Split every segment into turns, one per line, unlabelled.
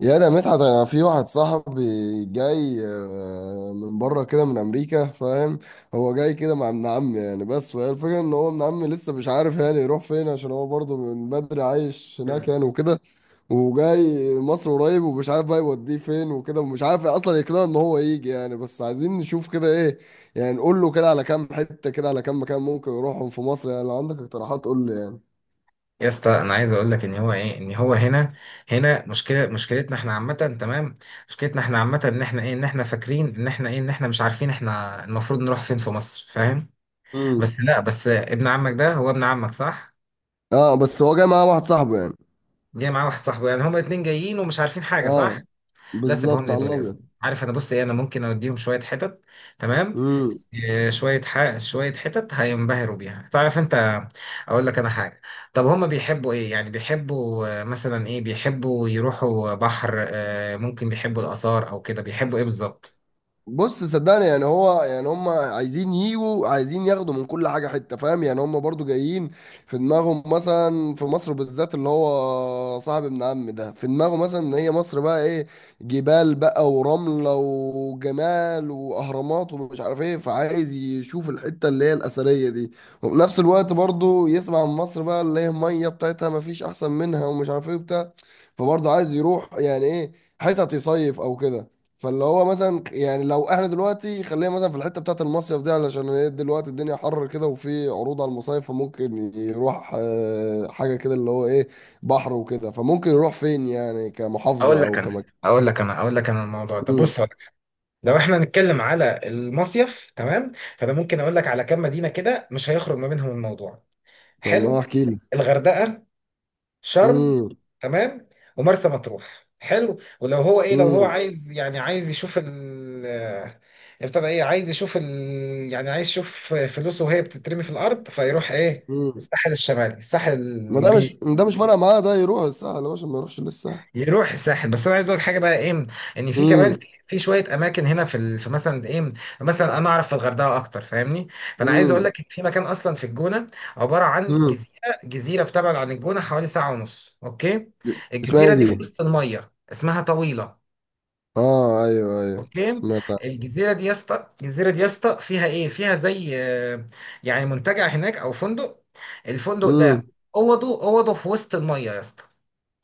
يا ده مدحت، انا في واحد صاحبي جاي من بره كده، من امريكا، فاهم؟ هو جاي كده مع ابن عمي يعني، بس وهي الفكره ان هو ابن عمي لسه مش عارف يعني يروح فين، عشان هو برضه من بدري عايش هناك
مم.
يعني وكده. وجاي مصر قريب ومش عارف بقى يوديه فين وكده، ومش عارف اصلا يقنعه ان هو يجي يعني، بس عايزين نشوف كده ايه. يعني نقول له كده على كام حته، كده على كام مكان ممكن يروحهم في مصر، يعني لو عندك اقتراحات قول لي يعني.
يا اسطى، انا عايز اقول لك ان هو هنا مشكلتنا احنا عامه، تمام. مشكلتنا احنا عامه، ان احنا فاكرين ان احنا مش عارفين احنا المفروض نروح فين في مصر، فاهم؟
امم.
بس لا، بس ابن عمك ده هو ابن عمك، صح؟
اه، بس هو جاي معاه واحد صاحبه يعني.
جاي معاه واحد صاحبه، يعني هما اتنين جايين ومش عارفين حاجه، صح؟
اه.
لا سيبهم
بالظبط،
لي
على
دول يا اسطى،
الابيض.
عارف، انا بص ايه، انا ممكن اوديهم شويه حتت، تمام.
امم.
شوية حتت هينبهروا بيها، تعرف انت؟ اقول لك انا حاجة. طب هما بيحبوا ايه؟ يعني بيحبوا مثلا ايه، بيحبوا يروحوا بحر؟ ممكن بيحبوا الآثار او كده؟ بيحبوا ايه بالظبط؟
بص صدقني، يعني هو يعني هم عايزين يجوا، عايزين ياخدوا من كل حاجه حته، فاهم؟ يعني هم برضو جايين. في دماغهم مثلا، في مصر بالذات اللي هو صاحب ابن عم ده، في دماغه مثلا ان هي مصر بقى ايه، جبال بقى ورمله وجمال واهرامات ومش عارف ايه، فعايز يشوف الحته اللي هي الاثريه دي. وفي نفس الوقت برضو يسمع عن مصر بقى اللي هي الميه بتاعتها مفيش احسن منها ومش عارف ايه وبتاع. فبرضه عايز يروح يعني ايه، حتت يصيف او كده. فاللي هو مثلا يعني لو احنا دلوقتي خلينا مثلا في الحته بتاعت المصيف دي، علشان هي دلوقتي الدنيا حر كده وفي عروض على المصايف، فممكن يروح حاجه كده اللي هو ايه، بحر وكده، فممكن يروح فين يعني،
اقول
كمحافظه
لك
او
انا
كمكان؟
اقول لك انا اقول لك انا الموضوع ده،
امم.
بص هقول لك حاجة. لو احنا هنتكلم على المصيف، تمام، فانا ممكن اقول لك على كام مدينة كده مش هيخرج ما بينهم الموضوع.
طب ما
حلو.
احكي لي.
الغردقة، شرم،
امم.
تمام، ومرسى مطروح. حلو، ولو هو ايه، لو هو
امم.
عايز يعني عايز يشوف ال، آه، ابتدى ايه، عايز يشوف ال، يعني عايز يشوف فلوسه وهي بتترمي في الارض، فيروح ايه؟
امم.
الساحل الشمالي، الساحل
ما ده مش،
البي.
ده مش فارقه معاه، ده يروح الساحل يا باشا، ما يروحش للساحل.
يروح الساحل، بس انا عايز اقول حاجه، بقى ايه، ان في كمان،
امم.
في شويه اماكن هنا في مثلا ايه. مثلا انا اعرف في الغردقه اكتر، فاهمني. فانا عايز اقول
امم.
لك ان في مكان اصلا في الجونه، عباره عن
امم.
جزيره بتبعد عن الجونه حوالي ساعه ونص، اوكي.
اسمها ايه
الجزيره دي في
دي؟
وسط الميه اسمها طويله.
اه، ايوه ايوه
اوكي،
سمعت.
الجزيره دي يا اسطى فيها ايه؟ فيها زي يعني منتجع هناك او فندق. الفندق ده
امم.
اوضه في وسط الميه يا اسطى.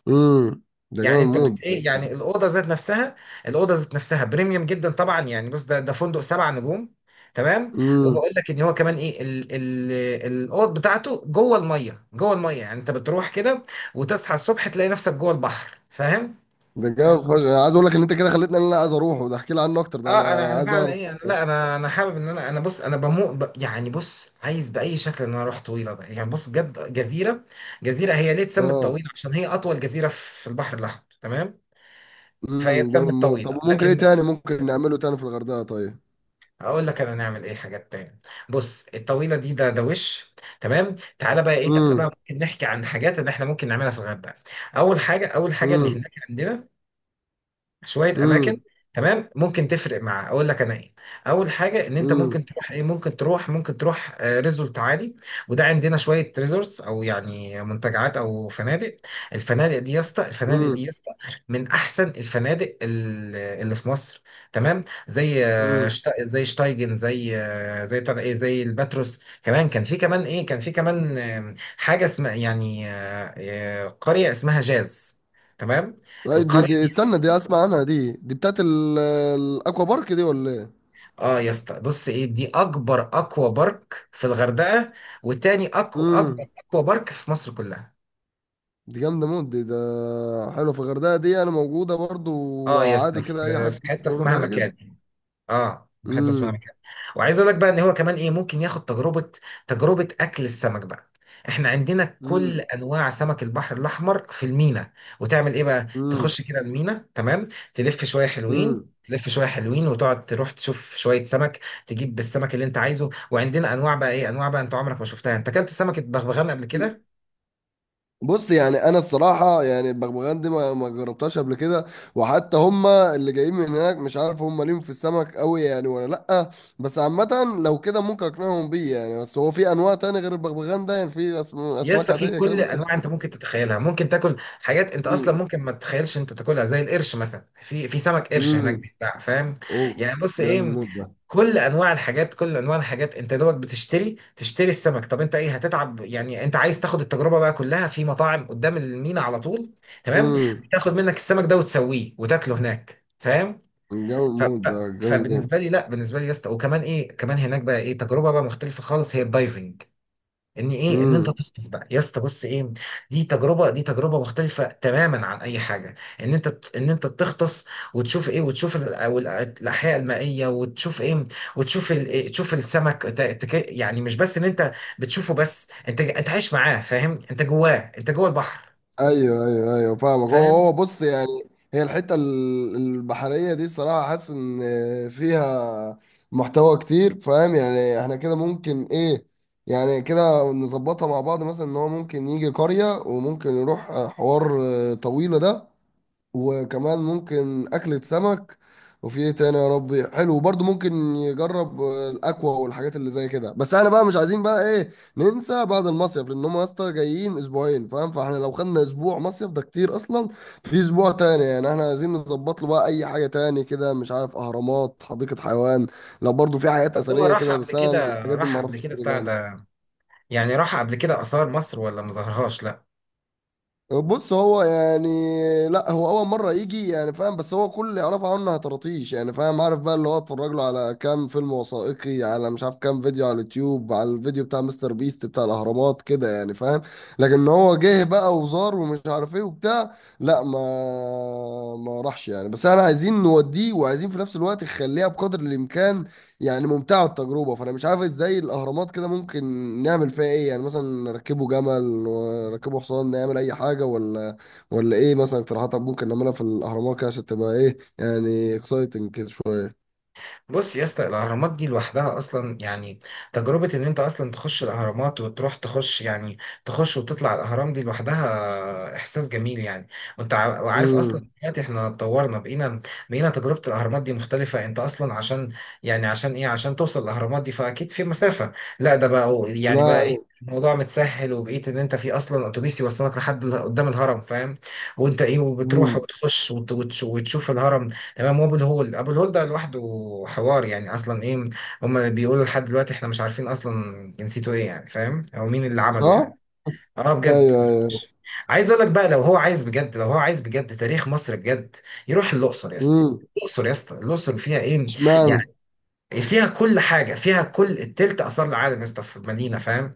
امم. ده
يعني
جامد
انت
موت.
بت ايه،
ده.
يعني الاوضه ذات نفسها، الاوضه ذات نفسها بريميوم جدا طبعا. يعني بص، ده فندق سبع نجوم، تمام.
امم.
وبقول لك ان هو كمان ايه، ال ال الاوض بتاعته جوه الميه، جوه الميه يعني انت بتروح كده، وتصحى الصبح تلاقي نفسك جوه البحر، فاهم؟
ده جامد فشخ، انا عايز اقول لك ان انت كده خليتني ان انا عايز اروح، وده احكي لي عنه اكتر، ده
اه، انا
انا
انا
عايز
فعلا
اعرف.
ايه، انا لا، انا حابب ان انا، بص انا بموت يعني بص عايز باي شكل ان انا اروح طويله ده، يعني بص بجد، جزيره. جزيره هي ليه اتسمت
اه.
طويله؟ عشان هي اطول جزيره في البحر الاحمر، تمام. فهي
امم، جامد
اتسمت
موت. طب
طويله،
ممكن ايه
لكن
تاني ممكن نعمله تاني في الغردقه طيب؟
هقول لك انا نعمل ايه حاجات تاني. بص الطويله دي ده وش، تمام. تعالى بقى
امم.
ممكن نحكي عن حاجات ان احنا ممكن نعملها في الغردقه. اول حاجه ان
امم.
هناك عندنا شويه اماكن،
امم.
تمام، ممكن تفرق مع، اقول لك انا ايه. اول حاجه ان انت ممكن
امم.
تروح ايه ممكن تروح ممكن تروح ريزولت عادي. وده عندنا شويه ريزورتس، او يعني منتجعات او فنادق. الفنادق دي يا اسطى الفنادق دي
امم.
يا اسطى من احسن الفنادق اللي في مصر، تمام. زي
امم.
زي شتايجن، زي زي بتاع ده ايه، زي الباتروس. كمان كان في كمان ايه، كان في كمان حاجه اسمها يعني قريه اسمها جاز، تمام.
أي، دي
القريه
دي
دي،
استنى، دي اسمع عنها، دي بتاعت ال- الاكوا بارك دي ولا ايه؟
اه يا اسطى، بص ايه، دي اكبر اكوا بارك في الغردقه، وتاني اكبر
امم.
اكوا بارك في مصر كلها.
دي جامده موت، دي ده. حلو، في الغردقه دي انا موجوده برضو.
اه يا اسطى،
وعادي
في
كده اي حد
في
ممكن
حته
يروح
اسمها
يحجز.
مكان. اه، بحب اسمعها كده. وعايز اقول لك بقى ان هو كمان ايه، ممكن ياخد تجربه، تجربه اكل السمك بقى. احنا عندنا كل
مم.
انواع سمك البحر الاحمر في المينا. وتعمل ايه بقى؟
مم.
تخش كده المينا، تمام، تلف شويه حلوين
مم.
تلف شويه حلوين وتقعد تروح تشوف شويه سمك، تجيب السمك اللي انت عايزه. وعندنا انواع بقى انت عمرك ما شفتها. انت اكلت سمكه بغبغان قبل
مم.
كده؟
بص يعني، انا الصراحه يعني البغبغان دي ما جربتهاش قبل كده. وحتى هما اللي جايين من هناك، مش عارف هما ليهم في السمك قوي يعني ولا لا. بس عامه، لو كده ممكن اقنعهم بيه يعني. بس هو في انواع تاني غير البغبغان ده يعني، في
يا
اسماك
اسطى، في
عاديه كده
كل
ممكن؟
انواع انت ممكن تتخيلها، ممكن تاكل حاجات انت اصلا
امم.
ممكن ما تتخيلش انت تاكلها، زي القرش مثلا. في سمك قرش
امم.
هناك بيتباع، فاهم؟
اوف،
يعني بص
جامد
ايه،
موت ده.
كل انواع الحاجات انت دوبك بتشتري السمك. طب انت ايه هتتعب؟ يعني انت عايز تاخد التجربه بقى، كلها في مطاعم قدام المينا على طول، تمام.
امم،
بتاخد منك السمك ده وتسويه وتاكله هناك، فاهم؟
جامد موت ده جامد
فبالنسبه لي، لا بالنسبه لي يا اسطى، وكمان ايه، كمان هناك بقى ايه، تجربه بقى مختلفه خالص هي الدايفنج، ان ايه، ان انت
موت.
تغطس بقى يا اسطى. بص ايه، دي تجربه مختلفه تماما عن اي حاجه، ان انت تغطس، وتشوف ايه، وتشوف أو الاحياء المائيه، وتشوف ايه، وتشوف تشوف السمك، يعني مش بس ان انت بتشوفه، بس انت عايش معاه، فاهم؟ انت جواه، انت جوه البحر،
ايوه ايوه ايوه، فاهمك. هو
فاهم؟
هو بص يعني، هي الحته البحريه دي الصراحه حاسس ان فيها محتوى كتير، فاهم يعني؟ احنا كده ممكن ايه، يعني كده نظبطها مع بعض مثلا، ان هو ممكن يجي قريه وممكن يروح حوار طويله ده، وكمان ممكن أكلة سمك، وفي ايه تاني يا ربي، حلو. وبرضه ممكن يجرب الأكوا والحاجات اللي زي كده، بس احنا بقى مش عايزين بقى ايه ننسى بعد المصيف، لأن هم يا اسطى جايين أسبوعين، فاهم؟ فاحنا لو خدنا أسبوع مصيف ده كتير أصلا. في أسبوع تاني، يعني احنا عايزين نظبط له بقى أي حاجة تاني كده، مش عارف، أهرامات، حديقة حيوان. لو برضه في حاجات
طب هو
أثرية
راح
كده،
قبل
بس أنا
كده
الحاجات دي
راح قبل
معرفش
كده بتاع
كده.
ده، يعني راح قبل كده اثار مصر ولا ما ظهرهاش؟
بص هو يعني، لا هو اول مره يجي يعني، فاهم؟ بس هو كل اللي يعرفه عنه هتراطيش يعني، فاهم، عارف بقى اللي هو اتفرج له على كام فيلم وثائقي، على مش عارف كام فيديو على اليوتيوب، على الفيديو بتاع مستر بيست بتاع الاهرامات كده يعني فاهم. لكن إن هو جه بقى وزار ومش عارف ايه وبتاع، لا، ما راحش يعني، بس احنا عايزين نوديه وعايزين في نفس الوقت نخليها بقدر الامكان يعني ممتعة التجربة، فأنا مش عارف ازاي الأهرامات كده ممكن نعمل فيها ايه، يعني مثلا نركبه جمل، نركبه حصان، نعمل أي حاجة، ولا ولا ايه، مثلا اقتراحات ممكن نعملها في الأهرامات كده عشان تبقى ايه يعني اكسايتنج كده شوية؟
بص يا اسطى، الاهرامات دي لوحدها اصلا يعني تجربه، ان انت اصلا تخش الاهرامات، وتروح تخش، يعني تخش وتطلع الاهرام دي لوحدها احساس جميل يعني. وعارف اصلا
امم.
دلوقتي احنا اتطورنا، بقينا تجربه الاهرامات دي مختلفه. انت اصلا عشان، يعني عشان ايه، عشان توصل الاهرامات دي فاكيد في مسافه. لا ده بقى يعني بقى
لا
ايه،
أيوة.
الموضوع متسهل، وبقيت ان انت في اصلا اتوبيس يوصلك لحد قدام الهرم، فاهم؟ وانت ايه، وبتروح
امم.
وتخش وتشوف الهرم، تمام. وابو الهول ده لوحده حوار يعني اصلا ايه. هما بيقولوا لحد دلوقتي احنا مش عارفين اصلا جنسيته ايه يعني، فاهم؟ او مين اللي عمله
صح؟
يعني. اه بجد.
ايوه ايوه.
عايز اقول لك بقى، لو هو عايز بجد تاريخ مصر بجد، يروح الاقصر يا اسطى
امم.
الاقصر يا اسطى الاقصر فيها ايه يعني.
اشمعنى؟
فيها كل حاجه، فيها كل التلت اثار العالم يا اسطى في المدينه، فاهم؟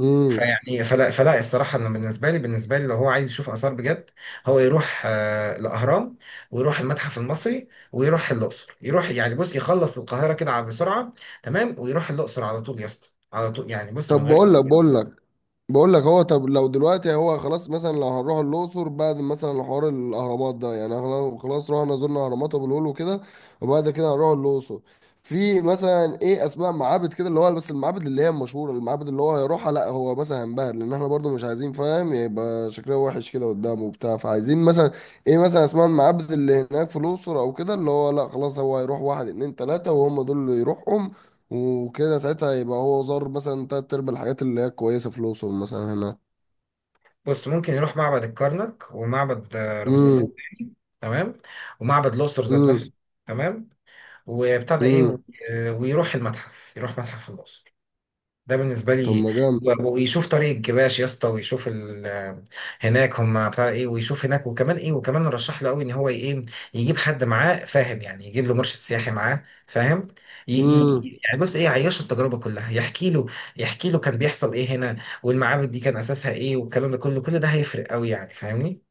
امم.
فيعني فلا الصراحة، أنا بالنسبة لي لو هو عايز يشوف آثار بجد، هو يروح الأهرام، ويروح المتحف المصري، ويروح الأقصر. يروح يعني، بص يخلص القاهرة كده بسرعة، تمام، ويروح الأقصر على طول يا اسطى، على طول يعني، بص من
طب
غير.
بقول لك. هو طب لو دلوقتي هو خلاص مثلا، لو هنروح الاقصر بعد مثلا حوار الاهرامات ده، يعني احنا خلاص رحنا زرنا اهرامات ابو الهول وكده، وبعد كده هنروح الاقصر. في مثلا ايه اسماء معابد كده، اللي هو بس المعابد اللي هي المشهوره، المعابد اللي هو هيروحها، لا هو مثلا هينبهر لان احنا برضو مش عايزين فاهم يبقى شكلها وحش كده قدامه وبتاع، فعايزين مثلا ايه، مثلا اسماء المعابد اللي هناك في الاقصر او كده، اللي هو لا خلاص هو هيروح واحد اتنين تلاته وهم دول اللي يروحهم. وكده ساعتها يبقى هو زار مثلا تلات ارباع الحاجات اللي هي كويسة في الأقصر مثلا هنا.
بص، ممكن يروح معبد الكرنك، ومعبد رمسيس
بالظبط.
الثاني، تمام، ومعبد الأقصر
امم.
ذات
امم.
نفسه، تمام، وبتاع ده إيه،
امم.
ويروح المتحف يروح متحف الأقصر، ده بالنسبه
طب
لي.
ما
ويشوف طريق الجباش يا اسطى، ويشوف هناك هم بتاع ايه، ويشوف هناك. وكمان ايه، وكمان رشح له قوي ان هو ايه، يجيب حد معاه، فاهم؟ يعني يجيب له مرشد سياحي معاه، فاهم؟
جامد.
يعني بص ايه، يعيشه التجربه كلها، يحكي له كان بيحصل ايه هنا، والمعابد دي كان اساسها ايه، والكلام ده كله، كل ده هيفرق قوي يعني، فاهمني؟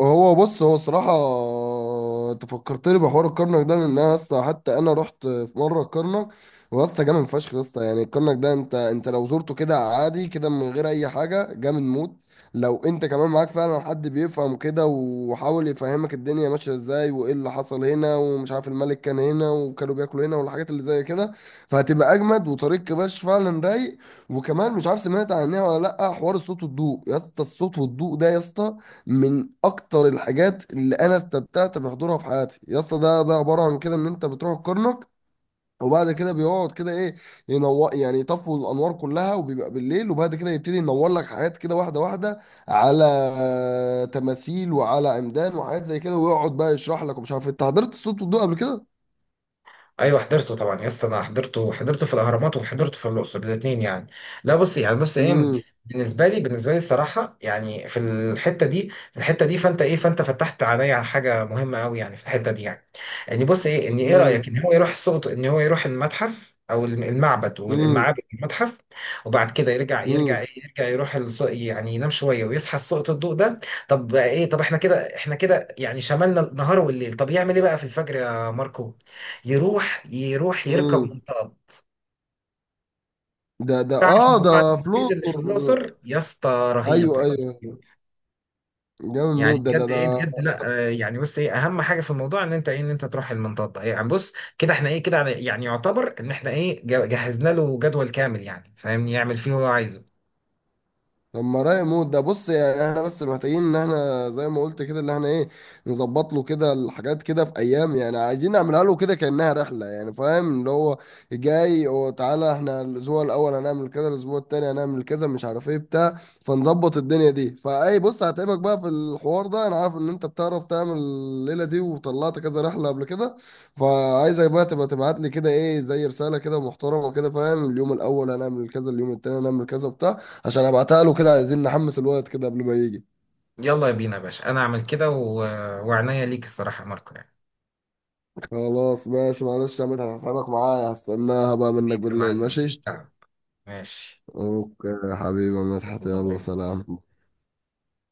هو بص هو الصراحة، انت فكرتني بحوار الكرنك ده، لان انا اصلا حتى انا رحت في مرة الكرنك. واسطى جامد فشخ يا اسطى، يعني الكرنك ده انت لو زرته كده عادي كده من غير اي حاجة جامد موت. لو انت كمان معاك فعلا حد بيفهم كده وحاول يفهمك الدنيا ماشية ازاي، وايه اللي حصل هنا، ومش عارف الملك كان هنا وكانوا بياكلوا هنا، والحاجات اللي زي كده، فهتبقى اجمد. وطريق كباش فعلا رايق. وكمان مش عارف سمعت عنها ولا لا، حوار الصوت والضوء يا اسطى. الصوت والضوء ده يا اسطى من اكتر الحاجات اللي انا استمتعت بحضورها في حياتي يا اسطى. ده عباره عن كده، ان انت بتروح الكرنك، وبعد كده بيقعد كده ايه، ينور يعني، يطفوا الانوار كلها وبيبقى بالليل، وبعد كده يبتدي ينور لك حاجات كده واحده واحده، على تماثيل، وعلى عمدان وحاجات زي كده، ويقعد بقى يشرح لك ومش عارف إيه. انت حضرت الصوت والضوء قبل كده؟
ايوه حضرته طبعا يا اسطى، انا حضرته في الاهرامات، وحضرته في الاقصر، الاثنين يعني. لا بص ايه،
امم.
بالنسبه لي الصراحه يعني، في الحته دي فانت فتحت عليا على حاجه مهمه قوي، يعني في الحته دي يعني. يعني بص ايه، ان ايه رايك،
امم.
ان هو يروح السوق، ان هو يروح المتحف او المعبد
امم.
والمعابد، المتحف، وبعد كده يرجع يرجع
امم.
ايه يرجع يروح السوق، يعني ينام شويه ويصحى السوق الضوء ده. طب بقى ايه، طب احنا كده يعني شملنا النهار والليل. طب يعمل ايه بقى في الفجر يا ماركو؟ يروح يركب
امم.
منطقة.
ده
تعرف
اه، ده
موضوع المبيد اللي في
فلوتر.
الأقصر يا اسطى؟ رهيب
ايوه
رهيب.
ايوه. جامد
يعني
موت ده ده
بجد
ده
ايه بجد، لا يعني بص ايه، اهم حاجه في الموضوع ان انت تروح المنطقه إيه يعني. بص كده احنا ايه كده، يعني يعتبر ان احنا ايه جهزنا له جدول كامل، يعني فاهمني، يعمل فيه هو عايزه.
طب ما رايق موت ده، بص يعني احنا بس محتاجين ان احنا زي ما قلت كده اللي احنا ايه، نظبط له كده الحاجات كده في ايام، يعني عايزين نعملها له كده كانها رحله يعني، فاهم؟ اللي هو جاي، وتعالى احنا الاسبوع الاول هنعمل كذا، الاسبوع التاني هنعمل كذا، مش عارف ايه بتاع. فنظبط الدنيا دي. فاي، بص هتعبك بقى في الحوار ده، انا عارف ان انت بتعرف تعمل الليله دي وطلعت كذا رحله قبل كده. فعايزك بقى تبقى تبعت لي كده ايه زي رساله كده محترمه كده، فاهم؟ اليوم الاول هنعمل كذا، اليوم التاني هنعمل كذا بتاع، عشان ابعتها له كده، عايزين نحمس الوقت كده قبل ما يجي.
يلا يا بينا يا باشا، انا اعمل كده وعنايا ليك الصراحه يا ماركو يعني.
خلاص ماشي، معلش يا مدحت، هفهمك معايا، هستناها بقى منك
حبيبي يا
بالليل،
معلم،
ماشي؟
مفيش تعب، ماشي.
اوكي يا حبيبي يا مدحت،
يلا، باي
يلا
باي.
سلام.